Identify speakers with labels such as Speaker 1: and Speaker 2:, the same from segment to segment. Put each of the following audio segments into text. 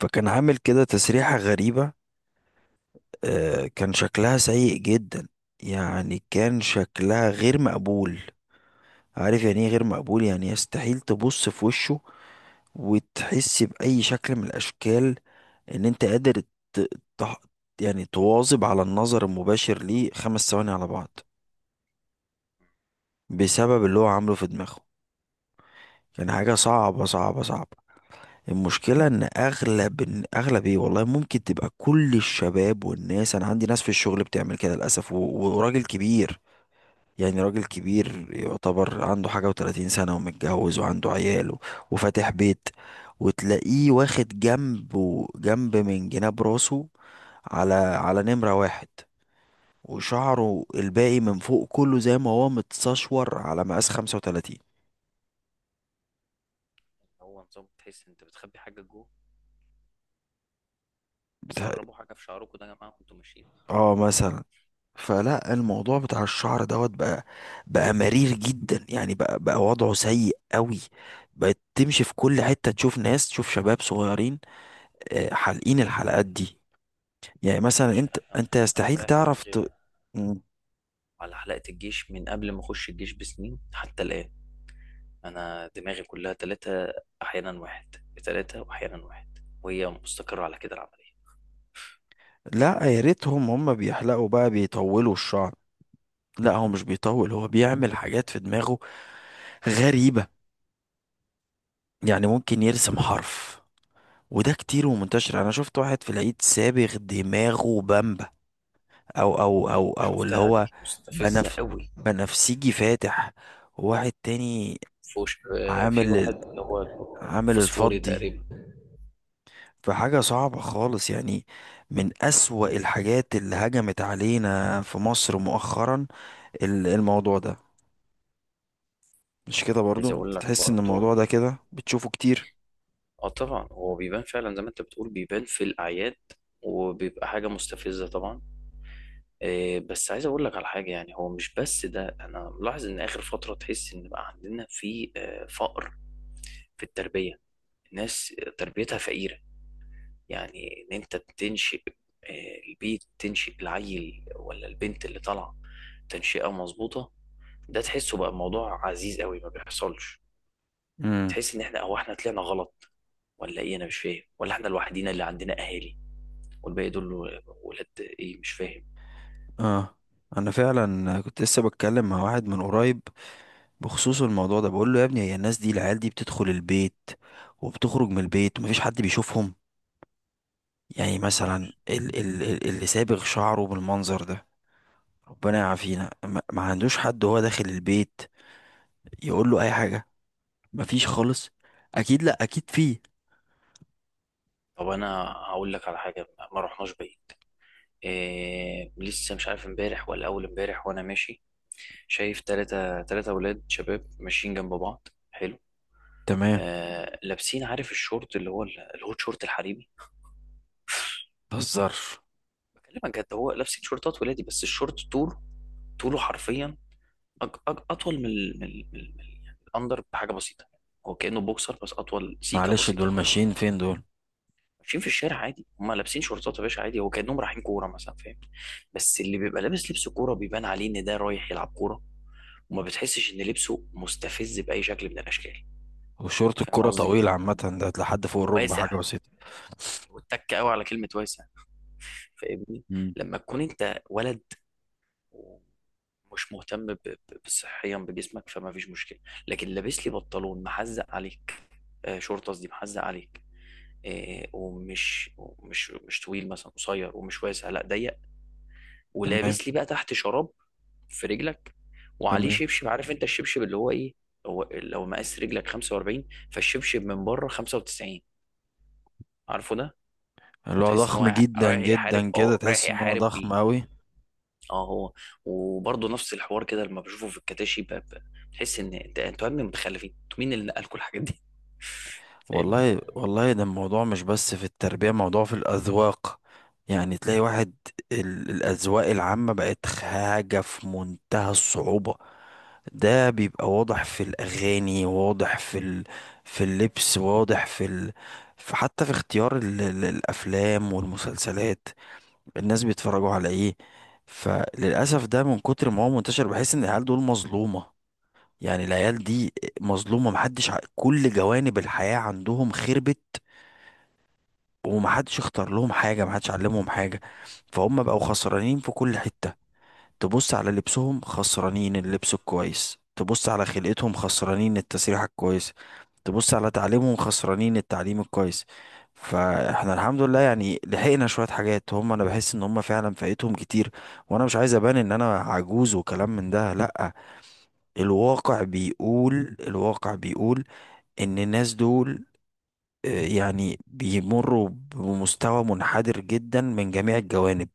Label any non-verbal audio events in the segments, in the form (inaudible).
Speaker 1: فكان عامل كده تسريحة غريبة. آه، كان شكلها سيء جدا، يعني كان شكلها غير مقبول. عارف يعني ايه غير مقبول؟ يعني يستحيل تبص في وشه وتحس بأي شكل من الأشكال إن أنت قادر ت... ت... يعني تواظب على النظر المباشر ليه خمس ثواني على بعض بسبب اللي هو عامله في دماغه. كان حاجة صعبة صعبة صعبة. المشكلة ان اغلب إن اغلب ايه والله ممكن تبقى كل الشباب والناس. انا عندي ناس في الشغل بتعمل كده للاسف وراجل كبير، يعني راجل كبير يعتبر عنده حاجة و30 سنة ومتجوز وعنده عيال وفاتح بيت، وتلاقيه واخد جنب جنب من جناب راسه على نمرة واحد، وشعره الباقي من فوق كله زي ما هو متسشور على مقاس 35.
Speaker 2: هو نظام تحس انت بتخبي حاجه جوه.
Speaker 1: بتاع-
Speaker 2: بتهربوا حاجه في شعركم ده يا جماعه وانتوا ماشيين.
Speaker 1: اه، مثلا. فلا الموضوع بتاع الشعر دوت بقى مرير جدا، يعني بقى وضعه سيء قوي. بقت تمشي في كل حتة تشوف ناس، تشوف شباب صغيرين. آه، حالقين الحلقات دي. يعني
Speaker 2: يا
Speaker 1: مثلا
Speaker 2: باشا
Speaker 1: انت
Speaker 2: انا
Speaker 1: انت
Speaker 2: انا
Speaker 1: يستحيل
Speaker 2: مريح
Speaker 1: تعرف
Speaker 2: دماغي
Speaker 1: مم.
Speaker 2: على حلقه الجيش من قبل ما اخش الجيش بسنين حتى الان. انا دماغي كلها ثلاثه، احيانا واحد. ثلاثه واحيانا واحد، وهي مستقره على كده العمليه.
Speaker 1: لا، يا ريتهم هم بيحلقوا بقى بيطولوا الشعر. لا، هو مش بيطول، هو بيعمل حاجات في دماغه غريبة. يعني ممكن يرسم حرف. وده كتير ومنتشر، انا شفت واحد في العيد سابغ دماغه بامبا، او اللي
Speaker 2: شفتها
Speaker 1: هو
Speaker 2: دي مستفزه
Speaker 1: بنف
Speaker 2: قوي.
Speaker 1: بنفسجي فاتح. وواحد تاني
Speaker 2: آه، في
Speaker 1: عامل
Speaker 2: واحد اللي هو
Speaker 1: عامل
Speaker 2: فوسفوري
Speaker 1: الفضي.
Speaker 2: تقريبا.
Speaker 1: فحاجة صعبة خالص، يعني من أسوأ الحاجات اللي هجمت علينا في مصر مؤخرا الموضوع ده. مش كده برضو؟
Speaker 2: عايز اقول
Speaker 1: أنت
Speaker 2: لك
Speaker 1: تحس ان الموضوع
Speaker 2: برضه.
Speaker 1: ده كده بتشوفه كتير.
Speaker 2: اه طبعا هو بيبان فعلا زي ما انت بتقول، بيبان في الاعياد وبيبقى حاجه مستفزه طبعا. إيه، بس عايز اقول لك على حاجه، يعني هو مش بس ده، انا ملاحظ ان اخر فتره تحس ان بقى عندنا في آه، فقر في التربيه. الناس تربيتها فقيره. يعني ان انت بتنشئ آه، البيت، تنشئ العيل ولا البنت اللي طالعه، تنشئه مظبوطه، ده تحسه بقى موضوع عزيز قوي ما بيحصلش.
Speaker 1: امم.
Speaker 2: تحس ان احنا او احنا طلعنا غلط ولا ايه، انا مش فاهم، ولا احنا الوحيدين اللي عندنا اهالي والباقي دول ولاد ايه، مش فاهم.
Speaker 1: اه، انا فعلا كنت لسه بتكلم مع واحد من قريب بخصوص الموضوع ده. بقول له يا ابني، هي الناس دي العيال دي بتدخل البيت وبتخرج من البيت ومفيش حد بيشوفهم؟ يعني مثلا
Speaker 2: متعرفش.
Speaker 1: اللي سابغ شعره بالمنظر ده، ربنا يعافينا، ما عندوش حد وهو داخل البيت يقول له اي حاجة؟ مفيش خالص. اكيد، لا اكيد فيه.
Speaker 2: طب انا هقول لك على حاجه، ما رحناش بعيد. إيه لسه، مش عارف امبارح ولا اول امبارح، وانا ماشي شايف تلاتة تلاتة اولاد شباب ماشيين جنب بعض حلو.
Speaker 1: تمام.
Speaker 2: آه لابسين، عارف الشورت اللي هو الهوت شورت الحريمي.
Speaker 1: متهزرش.
Speaker 2: بكلمك جد، هو لابسين شورتات ولادي بس الشورت طوله، طوله حرفيا أج اطول من يعني الاندر بحاجه بسيطه. هو كانه بوكسر بس اطول سيكه
Speaker 1: معلش
Speaker 2: بسيطه
Speaker 1: دول ماشيين
Speaker 2: خالص.
Speaker 1: فين دول؟
Speaker 2: ماشيين في الشارع عادي، هم لابسين شورتات يا باشا عادي، هو كانهم رايحين كوره مثلا، فاهم. بس اللي بيبقى لابس لبس كوره بيبان عليه ان ده رايح يلعب كوره، وما بتحسش ان لبسه مستفز باي شكل من الاشكال.
Speaker 1: وشورت
Speaker 2: فاهم
Speaker 1: الكرة
Speaker 2: قصدي،
Speaker 1: طويل عامة، ده لحد فوق الركبة حاجة
Speaker 2: واسع.
Speaker 1: بسيطة.
Speaker 2: واتك قوي على كلمه واسع. فاهمني.
Speaker 1: مم.
Speaker 2: لما تكون انت ولد ومش مهتم بصحيا بجسمك، فما فيش مشكله. لكن لابس لي بنطلون محزق عليك آه، شورت قصدي، محزق عليك آه، ومش مش طويل مثلا، قصير ومش واسع، لا ضيق،
Speaker 1: تمام.
Speaker 2: ولابس لي بقى تحت شراب في رجلك، وعليه
Speaker 1: تمام.
Speaker 2: شبشب، عارف انت الشبشب اللي هو ايه. هو لو مقاس رجلك 45، فالشبشب من بره 95. عارفه ده، لو
Speaker 1: اللي هو
Speaker 2: تحس ان
Speaker 1: ضخم
Speaker 2: هو
Speaker 1: جدا
Speaker 2: رايح يحارب،
Speaker 1: جدا كده،
Speaker 2: اه رايح
Speaker 1: تحس ان هو
Speaker 2: يحارب
Speaker 1: ضخم
Speaker 2: بيه.
Speaker 1: اوي.
Speaker 2: اه هو. وبرضه نفس الحوار كده لما بشوفه في الكتاشي بتحس ان انتوا يا ابني متخلفين، انتوا مين اللي نقل كل الحاجات دي؟ (laughs) فاهم.
Speaker 1: والله والله ده الموضوع مش بس في التربية، موضوع في الأذواق. يعني تلاقي واحد، الأذواق العامة بقت حاجة في منتهى الصعوبة. ده بيبقى واضح في الأغاني، واضح في ال... في اللبس، واضح في ال... في، حتى في اختيار ال... الأفلام والمسلسلات. الناس بيتفرجوا على إيه؟ فللأسف ده من كتر ما هو منتشر بحس إن العيال دول مظلومة. يعني العيال دي مظلومة، محدش كل جوانب الحياة عندهم خربت. ومحدش اختار لهم حاجة، محدش علمهم حاجة. فهم بقوا خسرانين في كل حتة. تبص على لبسهم خسرانين اللبس الكويس، تبص على خلقتهم خسرانين التسريحة الكويسة، تبص على تعليمهم خسرانين التعليم الكويس. فاحنا الحمد لله يعني لحقنا شوية حاجات. هم انا بحس ان هم فعلا فايتهم كتير. وانا مش عايز ابان ان انا عجوز وكلام من ده، لا. الواقع بيقول، الواقع بيقول ان الناس دول، آه، يعني بيمروا بمستوى منحدر جدا من جميع الجوانب.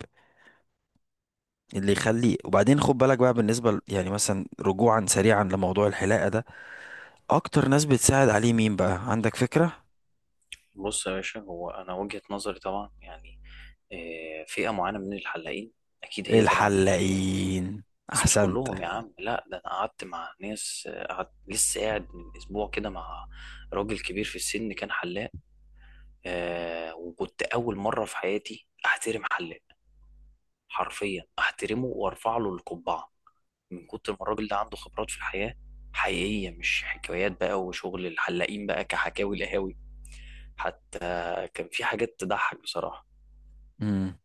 Speaker 1: اللي يخلي، وبعدين خد بالك بقى بالنسبة يعني مثلا، رجوعا سريعا لموضوع الحلاقة ده، اكتر ناس بتساعد عليه مين بقى، عندك فكرة؟
Speaker 2: بص يا باشا، هو انا وجهة نظري طبعا يعني آه، فئة معينة من الحلاقين اكيد هي، طبعا اللي إيه؟
Speaker 1: الحلاقين.
Speaker 2: بس مش
Speaker 1: احسنت.
Speaker 2: كلهم يا عم، لا ده انا قعدت مع ناس آه، قعدت لسه قاعد من اسبوع كده مع راجل كبير في السن كان حلاق آه، وكنت اول مره في حياتي احترم حلاق، حرفيا احترمه وارفع له القبعه، من كتر ما الراجل ده عنده خبرات في الحياه حقيقيه، مش حكايات بقى وشغل الحلاقين بقى كحكاوي لهاوي. حتى كان في حاجات تضحك بصراحه.
Speaker 1: امم.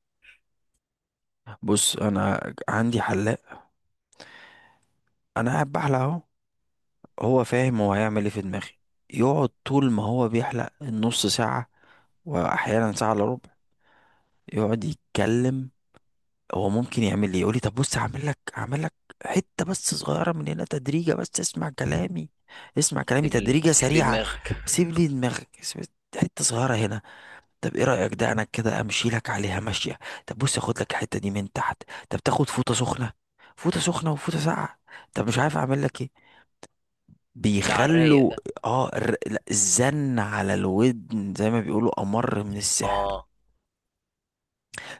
Speaker 1: بص انا عندي حلاق، انا قاعد بحلق اهو، هو فاهم هو هيعمل ايه في دماغي. يقعد طول ما هو بيحلق النص ساعة، واحيانا ساعة الا ربع، يقعد يتكلم. هو ممكن يعمل لي، يقول لي طب بص هعمل لك، هعمل لك حته بس صغيره من هنا تدريجه، بس اسمع كلامي، اسمع كلامي
Speaker 2: سيب لي
Speaker 1: تدريجه
Speaker 2: سيب لي
Speaker 1: سريعه.
Speaker 2: دماغك.
Speaker 1: سيب لي دماغك. حته صغيره هنا. طب ايه رايك، ده انا كده امشي لك عليها ماشيه. طب بص اخد لك الحته دي من تحت. طب تاخد فوطه سخنه، فوطه سخنه وفوطه ساقعه. طب مش عارف اعمل لك ايه.
Speaker 2: ده على الرايق
Speaker 1: بيخلوا
Speaker 2: ده.
Speaker 1: لا، الزن على الودن زي ما بيقولوا امر من السحر.
Speaker 2: اه.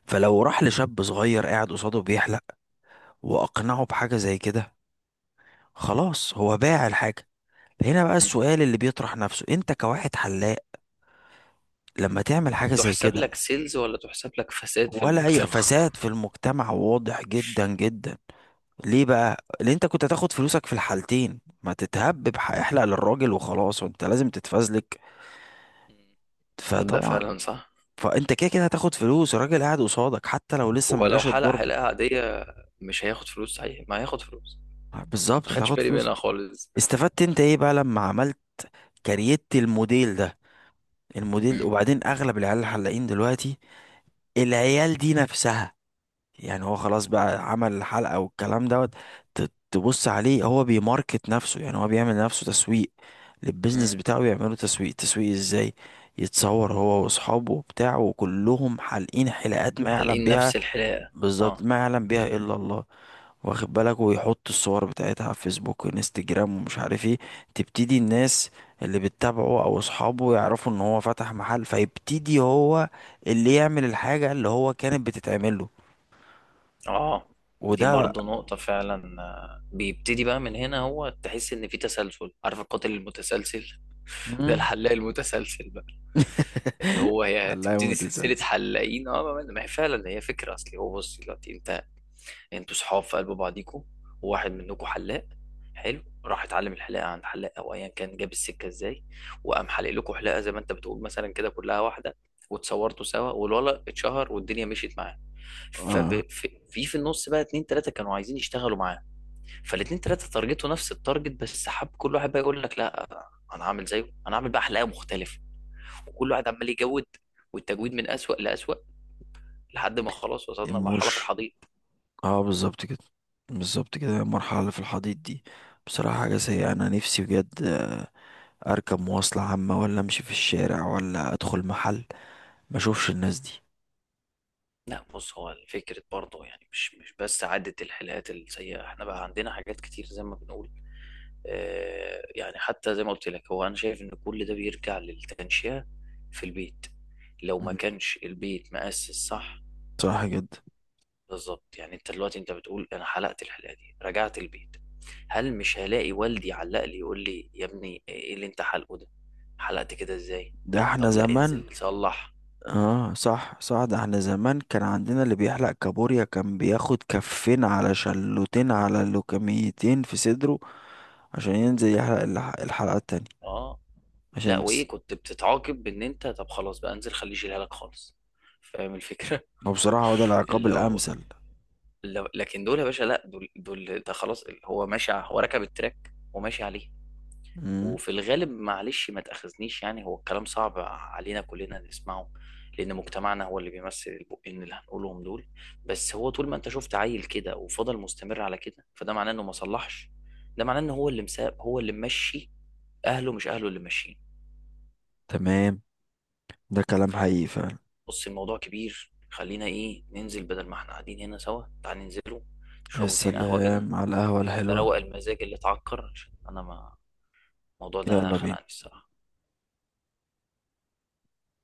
Speaker 1: فلو راح لشاب صغير قاعد قصاده بيحلق واقنعه بحاجه زي كده، خلاص هو باع الحاجة. هنا بقى
Speaker 2: م.
Speaker 1: السؤال اللي بيطرح نفسه، انت كواحد حلاق لما تعمل حاجة زي
Speaker 2: تحسب
Speaker 1: كده،
Speaker 2: لك سيلز ولا تحسب لك فساد في
Speaker 1: ولا اي
Speaker 2: المجتمع؟
Speaker 1: فساد في المجتمع واضح جدا جدا. ليه بقى؟ لان انت كنت هتاخد فلوسك في الحالتين، ما تتهبب، احلق للراجل وخلاص، وانت لازم تتفزلك.
Speaker 2: مم. تصدق،
Speaker 1: فطبعا،
Speaker 2: فعلا صح.
Speaker 1: فانت كده كده هتاخد فلوس الراجل قاعد قصادك حتى لو لسه
Speaker 2: هو
Speaker 1: ما
Speaker 2: لو
Speaker 1: جاش
Speaker 2: حلق
Speaker 1: الضرب.
Speaker 2: حلقة عادية مش هياخد فلوس؟ صحيح، ما هياخد فلوس. ما
Speaker 1: بالظبط
Speaker 2: خدش
Speaker 1: هتاخد
Speaker 2: بالي
Speaker 1: فلوس.
Speaker 2: منها خالص.
Speaker 1: استفدت انت ايه بقى لما عملت؟ كريت الموديل ده، الموديل.
Speaker 2: مم.
Speaker 1: وبعدين اغلب العيال الحلاقين دلوقتي، العيال دي نفسها، يعني هو خلاص بقى عمل الحلقة والكلام دوت، تبص عليه هو بيماركت نفسه، يعني هو بيعمل لنفسه تسويق للبيزنس
Speaker 2: مم.
Speaker 1: بتاعه. يعملوا تسويق، تسويق ازاي؟ يتصور هو واصحابه وبتاعه وكلهم حالقين حلقات ما يعلم
Speaker 2: حالقين
Speaker 1: بيها،
Speaker 2: نفس الحلاقة.
Speaker 1: بالظبط،
Speaker 2: اه.
Speaker 1: ما يعلم بيها الا الله. واخد بالك؟ ويحط الصور بتاعتها على فيسبوك وانستجرام ومش عارف ايه. تبتدي الناس اللي بتتابعه او اصحابه يعرفوا ان هو فتح محل، فيبتدي هو اللي يعمل الحاجة اللي هو كانت بتتعمل له.
Speaker 2: اه. دي
Speaker 1: وده
Speaker 2: برضه نقطة فعلا آه، بيبتدي بقى من هنا، هو تحس إن في تسلسل، عارف القاتل المتسلسل، (laughs) ده
Speaker 1: مم.
Speaker 2: الحلاق المتسلسل بقى. اللي هو
Speaker 1: (laughs)
Speaker 2: هي
Speaker 1: حلاوة
Speaker 2: تبتدي سلسلة
Speaker 1: متسلسل.
Speaker 2: حلاقين. اه ما هي فعلا هي فكرة أصلي. هو بص دلوقتي أنت، انتوا صحاب في قلب بعضيكوا، وواحد منكوا حلاق حلو، راح اتعلم الحلاقه عند حلاق او ايا كان، جاب السكه ازاي وقام حلق لكم حلاقه زي ما انت بتقول مثلا، كده كلها واحده، واتصورتوا سوا والولد اتشهر والدنيا مشيت معاه.
Speaker 1: اه.
Speaker 2: ففي في في النص بقى اتنين تلاته كانوا عايزين يشتغلوا معاه، فالاتنين تلاته تارجتوا نفس التارجت، بس حب كل واحد بقى يقول لك لا، انا هعمل زيه، انا هعمل بقى حلاقه مختلفه، وكل واحد عمال يجود، والتجويد من اسوأ لاسوأ، لحد ما خلاص وصلنا لمرحله في
Speaker 1: الموش،
Speaker 2: الحضيض.
Speaker 1: اه بالظبط كده، بالظبط كده. المرحلة اللي في الحضيض دي بصراحة حاجة سيئة. أنا نفسي بجد، آه، أركب مواصلة عامة ولا أمشي في الشارع ولا أدخل محل ما أشوفش الناس دي.
Speaker 2: لا بص، هو فكرة برضه يعني مش بس عدة الحلقات السيئة، احنا بقى عندنا حاجات كتير زي ما بنقول. اه يعني حتى زي ما قلت لك، هو انا شايف ان كل ده بيرجع للتنشئة في البيت. لو ما
Speaker 1: مم.
Speaker 2: كانش البيت مؤسس صح،
Speaker 1: صراحة جدا.
Speaker 2: بالظبط. يعني انت دلوقتي انت بتقول انا حلقت الحلقة دي رجعت البيت، هل مش هلاقي والدي علق لي يقول لي يا ابني ايه اللي انت حلقه ده؟ حلقت كده ازاي؟
Speaker 1: ده احنا
Speaker 2: طب لا،
Speaker 1: زمان.
Speaker 2: انزل صلح.
Speaker 1: اه صح صح، ده احنا زمان كان عندنا اللي بيحلق كابوريا كان بياخد كفين على شلوتين، على لوكميتين في صدره، عشان ينزل يحلق الحلقة التانية.
Speaker 2: اه، لا
Speaker 1: عشان بس.
Speaker 2: وايه كنت بتتعاقب بان انت، طب خلاص بقى، انزل خليه يشيلها لك خالص، فاهم الفكره.
Speaker 1: هو بصراحة هو ده
Speaker 2: (laughs)
Speaker 1: العقاب
Speaker 2: اللي هو
Speaker 1: الأمثل.
Speaker 2: اللي... لكن دول يا باشا، لا دول دول ده خلاص هو ماشي هو ركب التراك وماشي عليه.
Speaker 1: مم.
Speaker 2: وفي الغالب معلش ما تاخذنيش، يعني هو الكلام صعب علينا كلنا نسمعه، لان مجتمعنا هو اللي بيمثل البقين اللي هنقولهم دول. بس هو طول ما انت شفت عيل كده وفضل مستمر على كده، فده معناه انه ما صلحش، ده معناه ان هو اللي مساب هو اللي ممشي، اهله مش اهله اللي ماشيين.
Speaker 1: تمام. ده كلام حقيقي فعلا.
Speaker 2: بص الموضوع كبير، خلينا ايه، ننزل بدل ما احنا قاعدين هنا سوا، تعال ننزلوا
Speaker 1: يا
Speaker 2: نشربوا اتنين قهوة كده.
Speaker 1: سلام على القهوة
Speaker 2: ده
Speaker 1: الحلوة.
Speaker 2: روق المزاج اللي اتعكر، عشان انا ما، الموضوع ده
Speaker 1: يلا بينا.
Speaker 2: خنقني الصراحة.